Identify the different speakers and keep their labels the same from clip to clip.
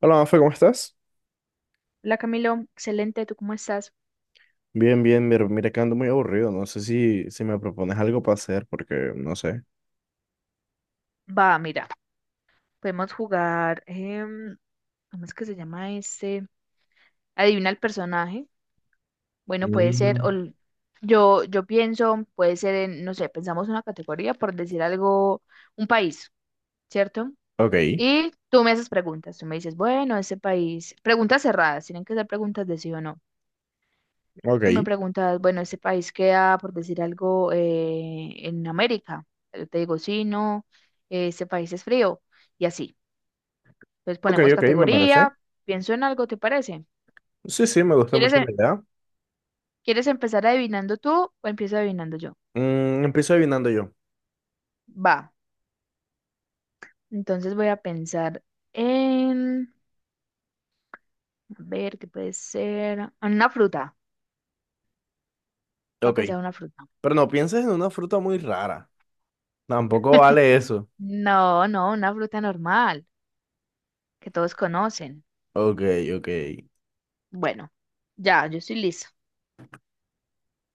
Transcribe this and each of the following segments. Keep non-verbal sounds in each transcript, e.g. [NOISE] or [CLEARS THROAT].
Speaker 1: Hola, Mafe, ¿cómo estás?
Speaker 2: Hola Camilo, excelente, ¿tú cómo estás?
Speaker 1: Bien, bien, mira que ando muy aburrido. No sé si me propones algo para hacer, porque no sé.
Speaker 2: Va, mira, podemos jugar, ¿cómo es que se llama este? Adivina el personaje. Bueno, puede ser,
Speaker 1: Mm.
Speaker 2: yo pienso, puede ser, no sé, pensamos una categoría por decir algo, un país, ¿cierto?
Speaker 1: Ok,
Speaker 2: Y tú me haces preguntas, tú me dices, bueno, ese país, preguntas cerradas, tienen que ser preguntas de sí o no. Tú me
Speaker 1: ok,
Speaker 2: preguntas, bueno, ese país queda, por decir algo, en América. Yo te digo, sí, no, ese país es frío y así. Entonces ponemos
Speaker 1: ok, me parece.
Speaker 2: categoría, pienso en algo, ¿te parece?
Speaker 1: Sí, sí, me gusta
Speaker 2: ¿Quieres,
Speaker 1: mucho
Speaker 2: em-
Speaker 1: la idea.
Speaker 2: ¿Quieres empezar adivinando tú o empiezo adivinando yo?
Speaker 1: Empiezo adivinando yo.
Speaker 2: Va, entonces voy a pensar en, a ver, ¿qué puede ser? En una fruta. Voy a
Speaker 1: Ok,
Speaker 2: pensar en una fruta.
Speaker 1: pero no pienses en una fruta muy rara. Tampoco vale eso.
Speaker 2: No, no, una fruta normal, que todos conocen.
Speaker 1: Ok, ok.
Speaker 2: Bueno, ya, yo estoy lista.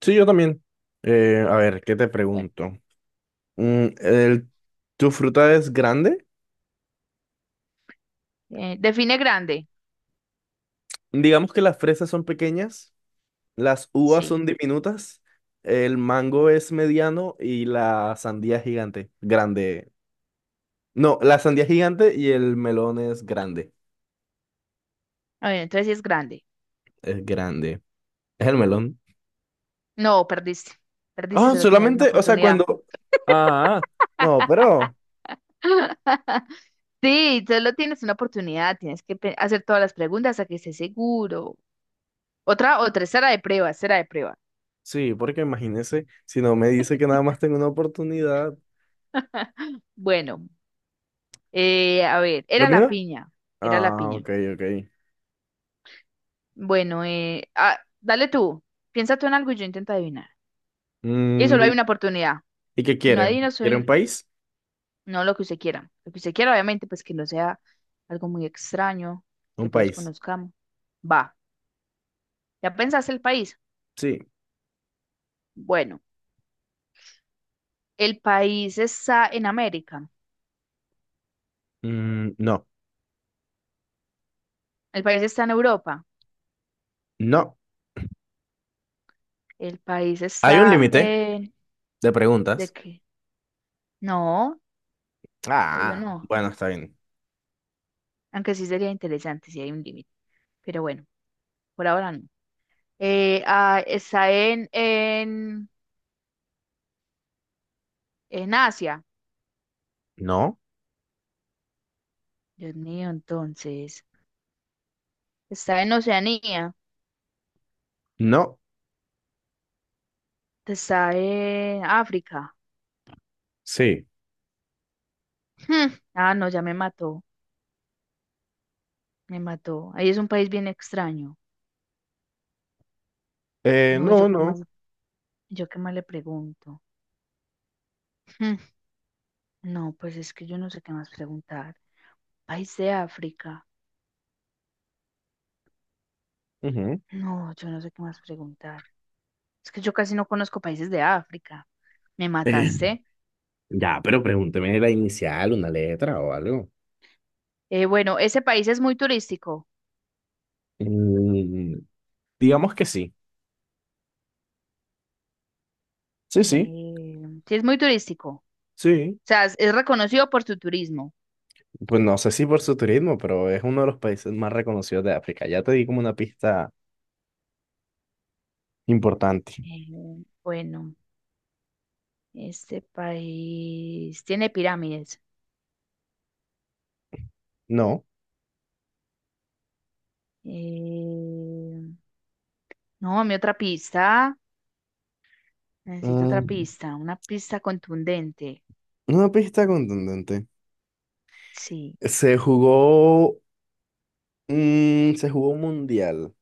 Speaker 1: Sí, yo también. A ver, ¿qué te
Speaker 2: Bueno,
Speaker 1: pregunto? Mm, el- ¿Tu fruta es grande?
Speaker 2: define grande.
Speaker 1: Digamos que las fresas son pequeñas. Las uvas
Speaker 2: Sí.
Speaker 1: son diminutas, el mango es mediano y la sandía es gigante. Grande. No, la sandía es gigante y el melón es grande.
Speaker 2: A ver, entonces sí es grande.
Speaker 1: Es grande. Es el melón.
Speaker 2: No, perdiste. Perdiste,
Speaker 1: Ah,
Speaker 2: solo tenías una
Speaker 1: solamente, o sea,
Speaker 2: oportunidad.
Speaker 1: cuando... Ah, no,
Speaker 2: [LAUGHS]
Speaker 1: pero...
Speaker 2: Sí, solo tienes una oportunidad, tienes que hacer todas las preguntas hasta que estés seguro. Otra, otra, será de prueba, será de prueba.
Speaker 1: Sí, porque imagínese, si no me dice que nada más tengo una oportunidad.
Speaker 2: [LAUGHS] Bueno, a ver,
Speaker 1: ¿Lo
Speaker 2: era la
Speaker 1: mira?
Speaker 2: piña, era la
Speaker 1: Ah,
Speaker 2: piña.
Speaker 1: ok, ok.
Speaker 2: Bueno, dale tú, piensa tú en algo y yo intento adivinar. Y
Speaker 1: Mm,
Speaker 2: solo hay
Speaker 1: ¿y
Speaker 2: una oportunidad.
Speaker 1: y qué
Speaker 2: Si no
Speaker 1: quiere?
Speaker 2: adivino, soy
Speaker 1: ¿Quiere un
Speaker 2: un-
Speaker 1: país?
Speaker 2: no lo que usted quiera. Lo que usted quiera, obviamente, pues que no sea algo muy extraño,
Speaker 1: Un
Speaker 2: que todos
Speaker 1: país.
Speaker 2: conozcamos. Va, ¿ya pensaste el país?
Speaker 1: Sí.
Speaker 2: Bueno, el país está en América.
Speaker 1: Mm, no.
Speaker 2: El país está en Europa.
Speaker 1: No.
Speaker 2: El país
Speaker 1: Hay un
Speaker 2: está
Speaker 1: límite
Speaker 2: en...
Speaker 1: de
Speaker 2: ¿De
Speaker 1: preguntas.
Speaker 2: qué? No, obvio
Speaker 1: Ah,
Speaker 2: no.
Speaker 1: bueno, está bien.
Speaker 2: Aunque sí sería interesante si hay un límite. Pero bueno, por ahora no. Está en Asia.
Speaker 1: No,
Speaker 2: Dios mío, entonces. Está en Oceanía.
Speaker 1: no,
Speaker 2: Está en África.
Speaker 1: sí.
Speaker 2: Hmm. Ah, no, ya me mató. Me mató. Ahí es un país bien extraño. No,
Speaker 1: No, no.
Speaker 2: yo qué más le pregunto. Hmm. No, pues es que yo no sé qué más preguntar. País de África.
Speaker 1: Ujú.
Speaker 2: No, yo no sé qué más preguntar. Es que yo casi no conozco países de África. Me
Speaker 1: Eh,
Speaker 2: mataste.
Speaker 1: ya, pero pregúnteme la inicial, una letra o algo.
Speaker 2: Bueno, ese país es muy turístico.
Speaker 1: Mm, digamos que sí. Sí, sí,
Speaker 2: Eh, sí, es muy turístico. O
Speaker 1: sí.
Speaker 2: sea, es reconocido por su turismo.
Speaker 1: Pues no sé si por su turismo, pero es uno de los países más reconocidos de África. Ya te di como una pista importante.
Speaker 2: Eh, bueno, este país tiene pirámides.
Speaker 1: No.
Speaker 2: Eh, no, mi otra pista. Necesito otra
Speaker 1: Mm,
Speaker 2: pista, una pista contundente.
Speaker 1: una pista contundente.
Speaker 2: Sí.
Speaker 1: Se jugó, se jugó un mundial.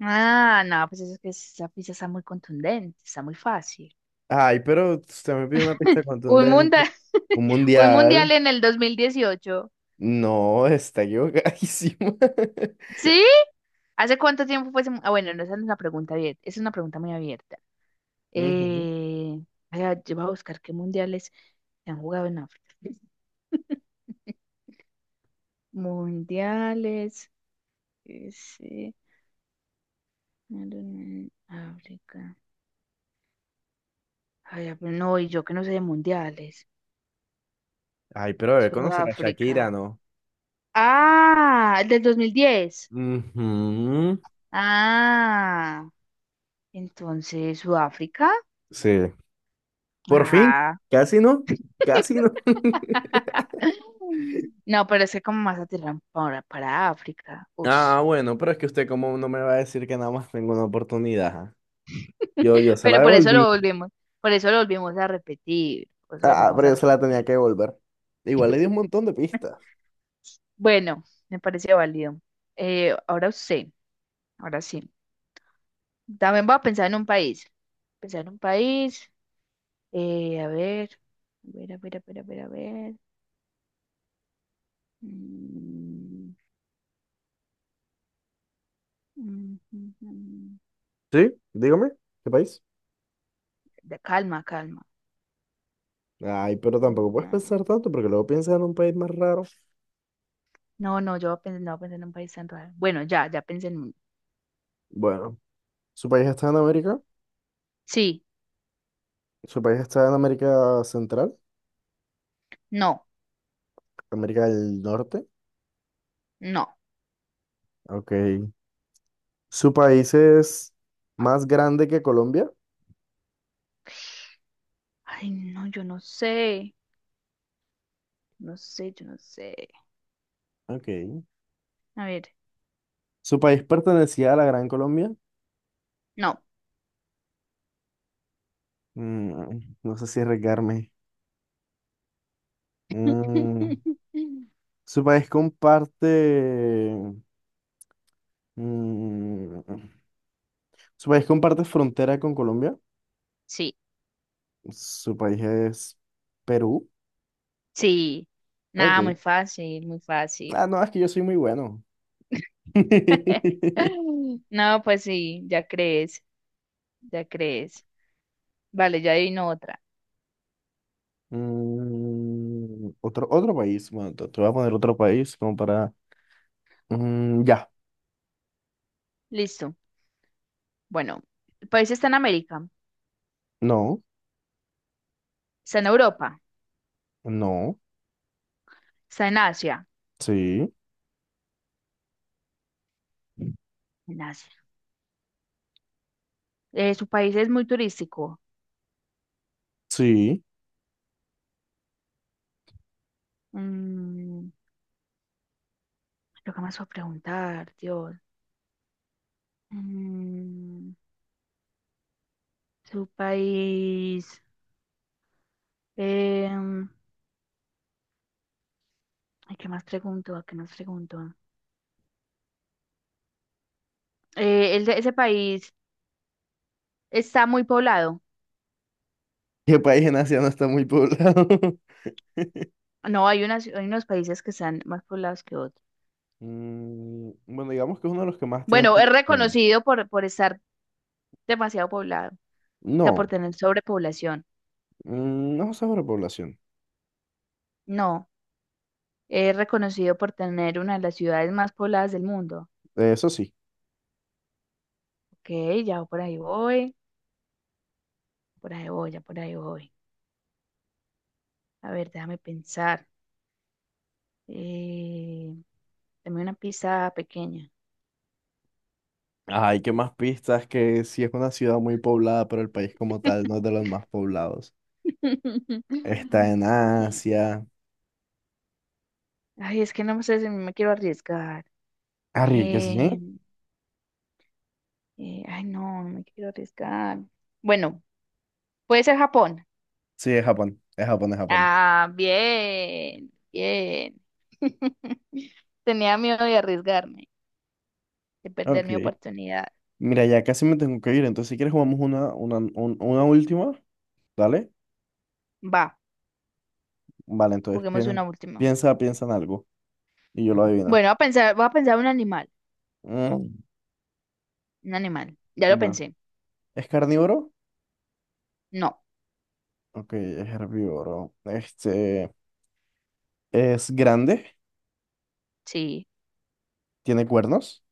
Speaker 2: Ah, no, pues eso es que esa pizza está muy contundente, está muy fácil.
Speaker 1: Ay, pero usted me pide una pista
Speaker 2: [LAUGHS] Un
Speaker 1: contundente.
Speaker 2: mundial,
Speaker 1: Un
Speaker 2: [LAUGHS] un mundial
Speaker 1: mundial.
Speaker 2: en el 2018.
Speaker 1: No, está equivocadísimo. [LAUGHS]
Speaker 2: ¿Sí? ¿Hace cuánto tiempo fue ese? Mu- Ah, bueno, no, esa no es una pregunta abierta, es una pregunta muy abierta.
Speaker 1: Ujú.
Speaker 2: Eh, ay, ay, yo voy a buscar qué mundiales se han jugado en África. [LAUGHS] Mundiales, ese, en África. Ay, ah, pero no, y yo que no sé de mundiales.
Speaker 1: Ay, pero debe conocer a Shakira,
Speaker 2: Sudáfrica.
Speaker 1: ¿no?
Speaker 2: Ah, el del 2010.
Speaker 1: Ujú.
Speaker 2: Ah, entonces Sudáfrica.
Speaker 1: Sí. Por fin.
Speaker 2: Ah.
Speaker 1: Casi no. Casi no. [LAUGHS]
Speaker 2: No, pero es que como más aterran para África. Ush.
Speaker 1: Ah, bueno, pero es que usted como no me va a decir que nada más tengo una oportunidad. ¿Ah? Yo se la
Speaker 2: Pero por eso
Speaker 1: devolví.
Speaker 2: lo volvemos, por eso lo volvimos a repetir. Por eso lo
Speaker 1: Ah,
Speaker 2: volvimos
Speaker 1: pero
Speaker 2: a
Speaker 1: yo se la tenía
Speaker 2: repetir.
Speaker 1: que devolver. Igual le di un montón de pistas.
Speaker 2: Bueno, me parece válido. Ahora usted, ahora sí. También voy a pensar en un país. Pensar en un país. A ver, a ver, a ver, a ver, a ver, a ver. Mm, mm, mm, mm, mm.
Speaker 1: ¿Sí? Dígame, ¿qué país?
Speaker 2: Calma, calma.
Speaker 1: Ay, pero tampoco puedes pensar tanto porque luego piensas en un país más raro.
Speaker 2: No, no, yo pensé, no pensé en un país tan raro. Bueno, ya, ya pensé en uno.
Speaker 1: Bueno, su país está en América.
Speaker 2: Sí,
Speaker 1: Su país está en América Central,
Speaker 2: no,
Speaker 1: América del Norte.
Speaker 2: no.
Speaker 1: Ok. Su país es más grande que Colombia.
Speaker 2: Ay, no, yo no sé. No sé, yo no sé.
Speaker 1: Ok.
Speaker 2: A ver,
Speaker 1: Su país pertenecía a la Gran Colombia.
Speaker 2: no.
Speaker 1: Mm, no sé si arriesgarme. Mm,
Speaker 2: [LAUGHS]
Speaker 1: su país comparte. mm, Su país comparte frontera con Colombia.
Speaker 2: Sí,
Speaker 1: Su país es Perú.
Speaker 2: sí. Nada,
Speaker 1: Ok.
Speaker 2: muy fácil, muy fácil.
Speaker 1: Ah, no, es que yo soy muy bueno.
Speaker 2: [LAUGHS]
Speaker 1: [LAUGHS]
Speaker 2: No, pues sí, ya crees, ya crees. Vale, ya adivino otra.
Speaker 1: Mm, otro país. Bueno, te voy a poner otro país como para. Mm, ya.
Speaker 2: Listo. Bueno, el país está en América,
Speaker 1: No.
Speaker 2: está en Europa,
Speaker 1: No.
Speaker 2: está en Asia.
Speaker 1: Sí.
Speaker 2: En Asia. Su país es muy turístico.
Speaker 1: Sí.
Speaker 2: Mm. Lo que más voy a preguntar, Dios. Mm, su país. em, ay, ¿qué más pregunto? ¿A qué más pregunto? El de ese país está muy poblado.
Speaker 1: [LAUGHS] ¿Qué país en Asia no está muy poblado? [LAUGHS]
Speaker 2: No, hay unas, hay unos países que están más poblados que otros.
Speaker 1: Mm, bueno, digamos que es uno de los que más tiene
Speaker 2: Bueno, es
Speaker 1: población.
Speaker 2: reconocido por estar demasiado poblado, o sea, por
Speaker 1: No.
Speaker 2: tener sobrepoblación.
Speaker 1: No sobrepoblación.
Speaker 2: No, es reconocido por tener una de las ciudades más pobladas del mundo.
Speaker 1: Eso sí.
Speaker 2: Ok, ya por ahí voy, ya por ahí voy. A ver, déjame pensar. Eh, dame una pizza pequeña.
Speaker 1: Ay, qué más pistas, que si es una ciudad muy poblada, pero el país como tal no es de los más poblados. Está
Speaker 2: [LAUGHS]
Speaker 1: en Asia.
Speaker 2: Ay, es que no sé si me quiero arriesgar.
Speaker 1: Arriesgue, ¿sí?
Speaker 2: Eh, ay, no, no me quiero arriesgar. Bueno, puede ser Japón.
Speaker 1: Sí, es Japón. Es Japón, es Japón.
Speaker 2: Ah, bien, bien. [LAUGHS] Tenía miedo de arriesgarme, de perder
Speaker 1: Ok.
Speaker 2: mi oportunidad.
Speaker 1: Mira, ya casi me tengo que ir, entonces si quieres jugamos una última, ¿dale?
Speaker 2: Va,
Speaker 1: Vale, entonces
Speaker 2: juguemos una última.
Speaker 1: piensa en algo y yo lo adivino.
Speaker 2: Bueno, voy a pensar un animal,
Speaker 1: Mm,
Speaker 2: un animal. Ya lo
Speaker 1: vale.
Speaker 2: pensé.
Speaker 1: ¿Es carnívoro?
Speaker 2: No,
Speaker 1: Ok, es herbívoro. Este, ¿es grande?
Speaker 2: sí.
Speaker 1: ¿Tiene cuernos?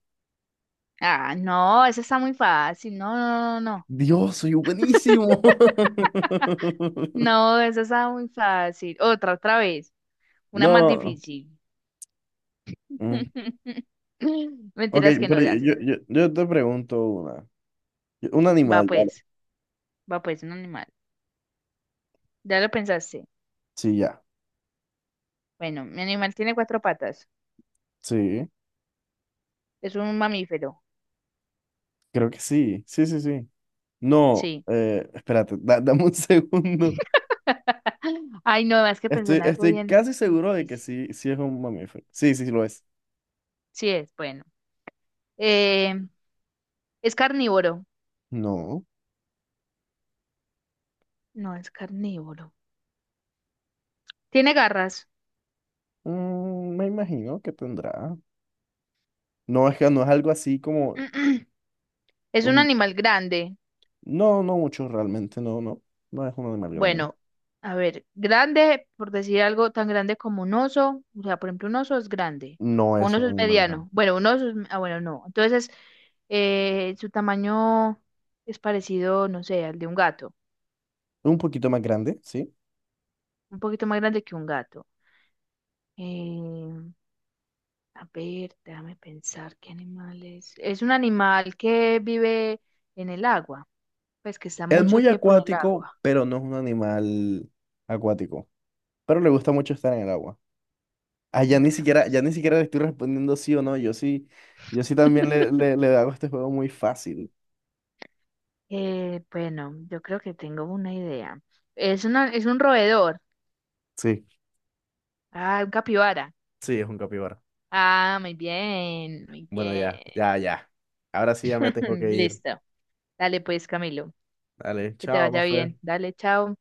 Speaker 2: Ah, no, eso está muy fácil. No, no, no, no, no.
Speaker 1: Dios, soy buenísimo. [LAUGHS]
Speaker 2: No, esa está muy fácil. Otra, otra vez. Una más
Speaker 1: No.
Speaker 2: difícil.
Speaker 1: Mm.
Speaker 2: [LAUGHS]
Speaker 1: Ok,
Speaker 2: Mentiras que no,
Speaker 1: pero
Speaker 2: ya. se-
Speaker 1: yo te pregunto una. Un
Speaker 2: Va
Speaker 1: animal, dale.
Speaker 2: pues, va pues, un animal. Ya lo pensaste.
Speaker 1: Sí, ya.
Speaker 2: Bueno, mi animal tiene cuatro patas.
Speaker 1: Sí,
Speaker 2: Es un mamífero.
Speaker 1: creo que sí. Sí, sí, sí. No,
Speaker 2: Sí.
Speaker 1: espérate, dame un [LAUGHS] segundo.
Speaker 2: [LAUGHS] Ay, no, es que pensé
Speaker 1: Estoy,
Speaker 2: en algo
Speaker 1: estoy
Speaker 2: bien,
Speaker 1: casi
Speaker 2: bien
Speaker 1: seguro de que
Speaker 2: difícil.
Speaker 1: sí, sí es un mamífero. Sí, sí, sí lo es.
Speaker 2: Sí es, bueno. Eh, es carnívoro.
Speaker 1: No,
Speaker 2: No, es carnívoro. Tiene garras.
Speaker 1: mm, me imagino que tendrá. No, es que no es algo así como...
Speaker 2: [CLEARS THROAT] Es un
Speaker 1: un-
Speaker 2: animal grande.
Speaker 1: No, no mucho realmente, no, no. No es un animal grande.
Speaker 2: Bueno, a ver, grande, por decir algo tan grande como un oso, o sea, por ejemplo, un oso es grande,
Speaker 1: No
Speaker 2: o un
Speaker 1: es
Speaker 2: oso
Speaker 1: un
Speaker 2: es
Speaker 1: animal grande.
Speaker 2: mediano, bueno, un oso es, ah, bueno, no, entonces su tamaño es parecido, no sé, al de un gato,
Speaker 1: Es un poquito más grande, sí.
Speaker 2: un poquito más grande que un gato. Eh, a ver, déjame pensar, ¿qué animal es? Es un animal que vive en el agua, pues que está
Speaker 1: Es
Speaker 2: mucho
Speaker 1: muy
Speaker 2: tiempo en el
Speaker 1: acuático,
Speaker 2: agua,
Speaker 1: pero no es un animal acuático. Pero le gusta mucho estar en el agua. Ah,
Speaker 2: me gusta mucho
Speaker 1: ya ni
Speaker 2: esto.
Speaker 1: siquiera le estoy respondiendo sí o no. Yo sí, yo sí también
Speaker 2: [LAUGHS]
Speaker 1: le hago este juego muy fácil.
Speaker 2: Bueno, yo creo que tengo una idea. Es una, es un roedor.
Speaker 1: Sí,
Speaker 2: Ah, un capibara.
Speaker 1: sí, es un capibara.
Speaker 2: Ah, muy bien, muy
Speaker 1: Bueno,
Speaker 2: bien.
Speaker 1: ya. Ahora sí ya me tengo
Speaker 2: [LAUGHS]
Speaker 1: que ir.
Speaker 2: Listo. Dale pues, Camilo.
Speaker 1: Dale,
Speaker 2: Que te
Speaker 1: chao,
Speaker 2: vaya
Speaker 1: más
Speaker 2: bien. Dale, chao.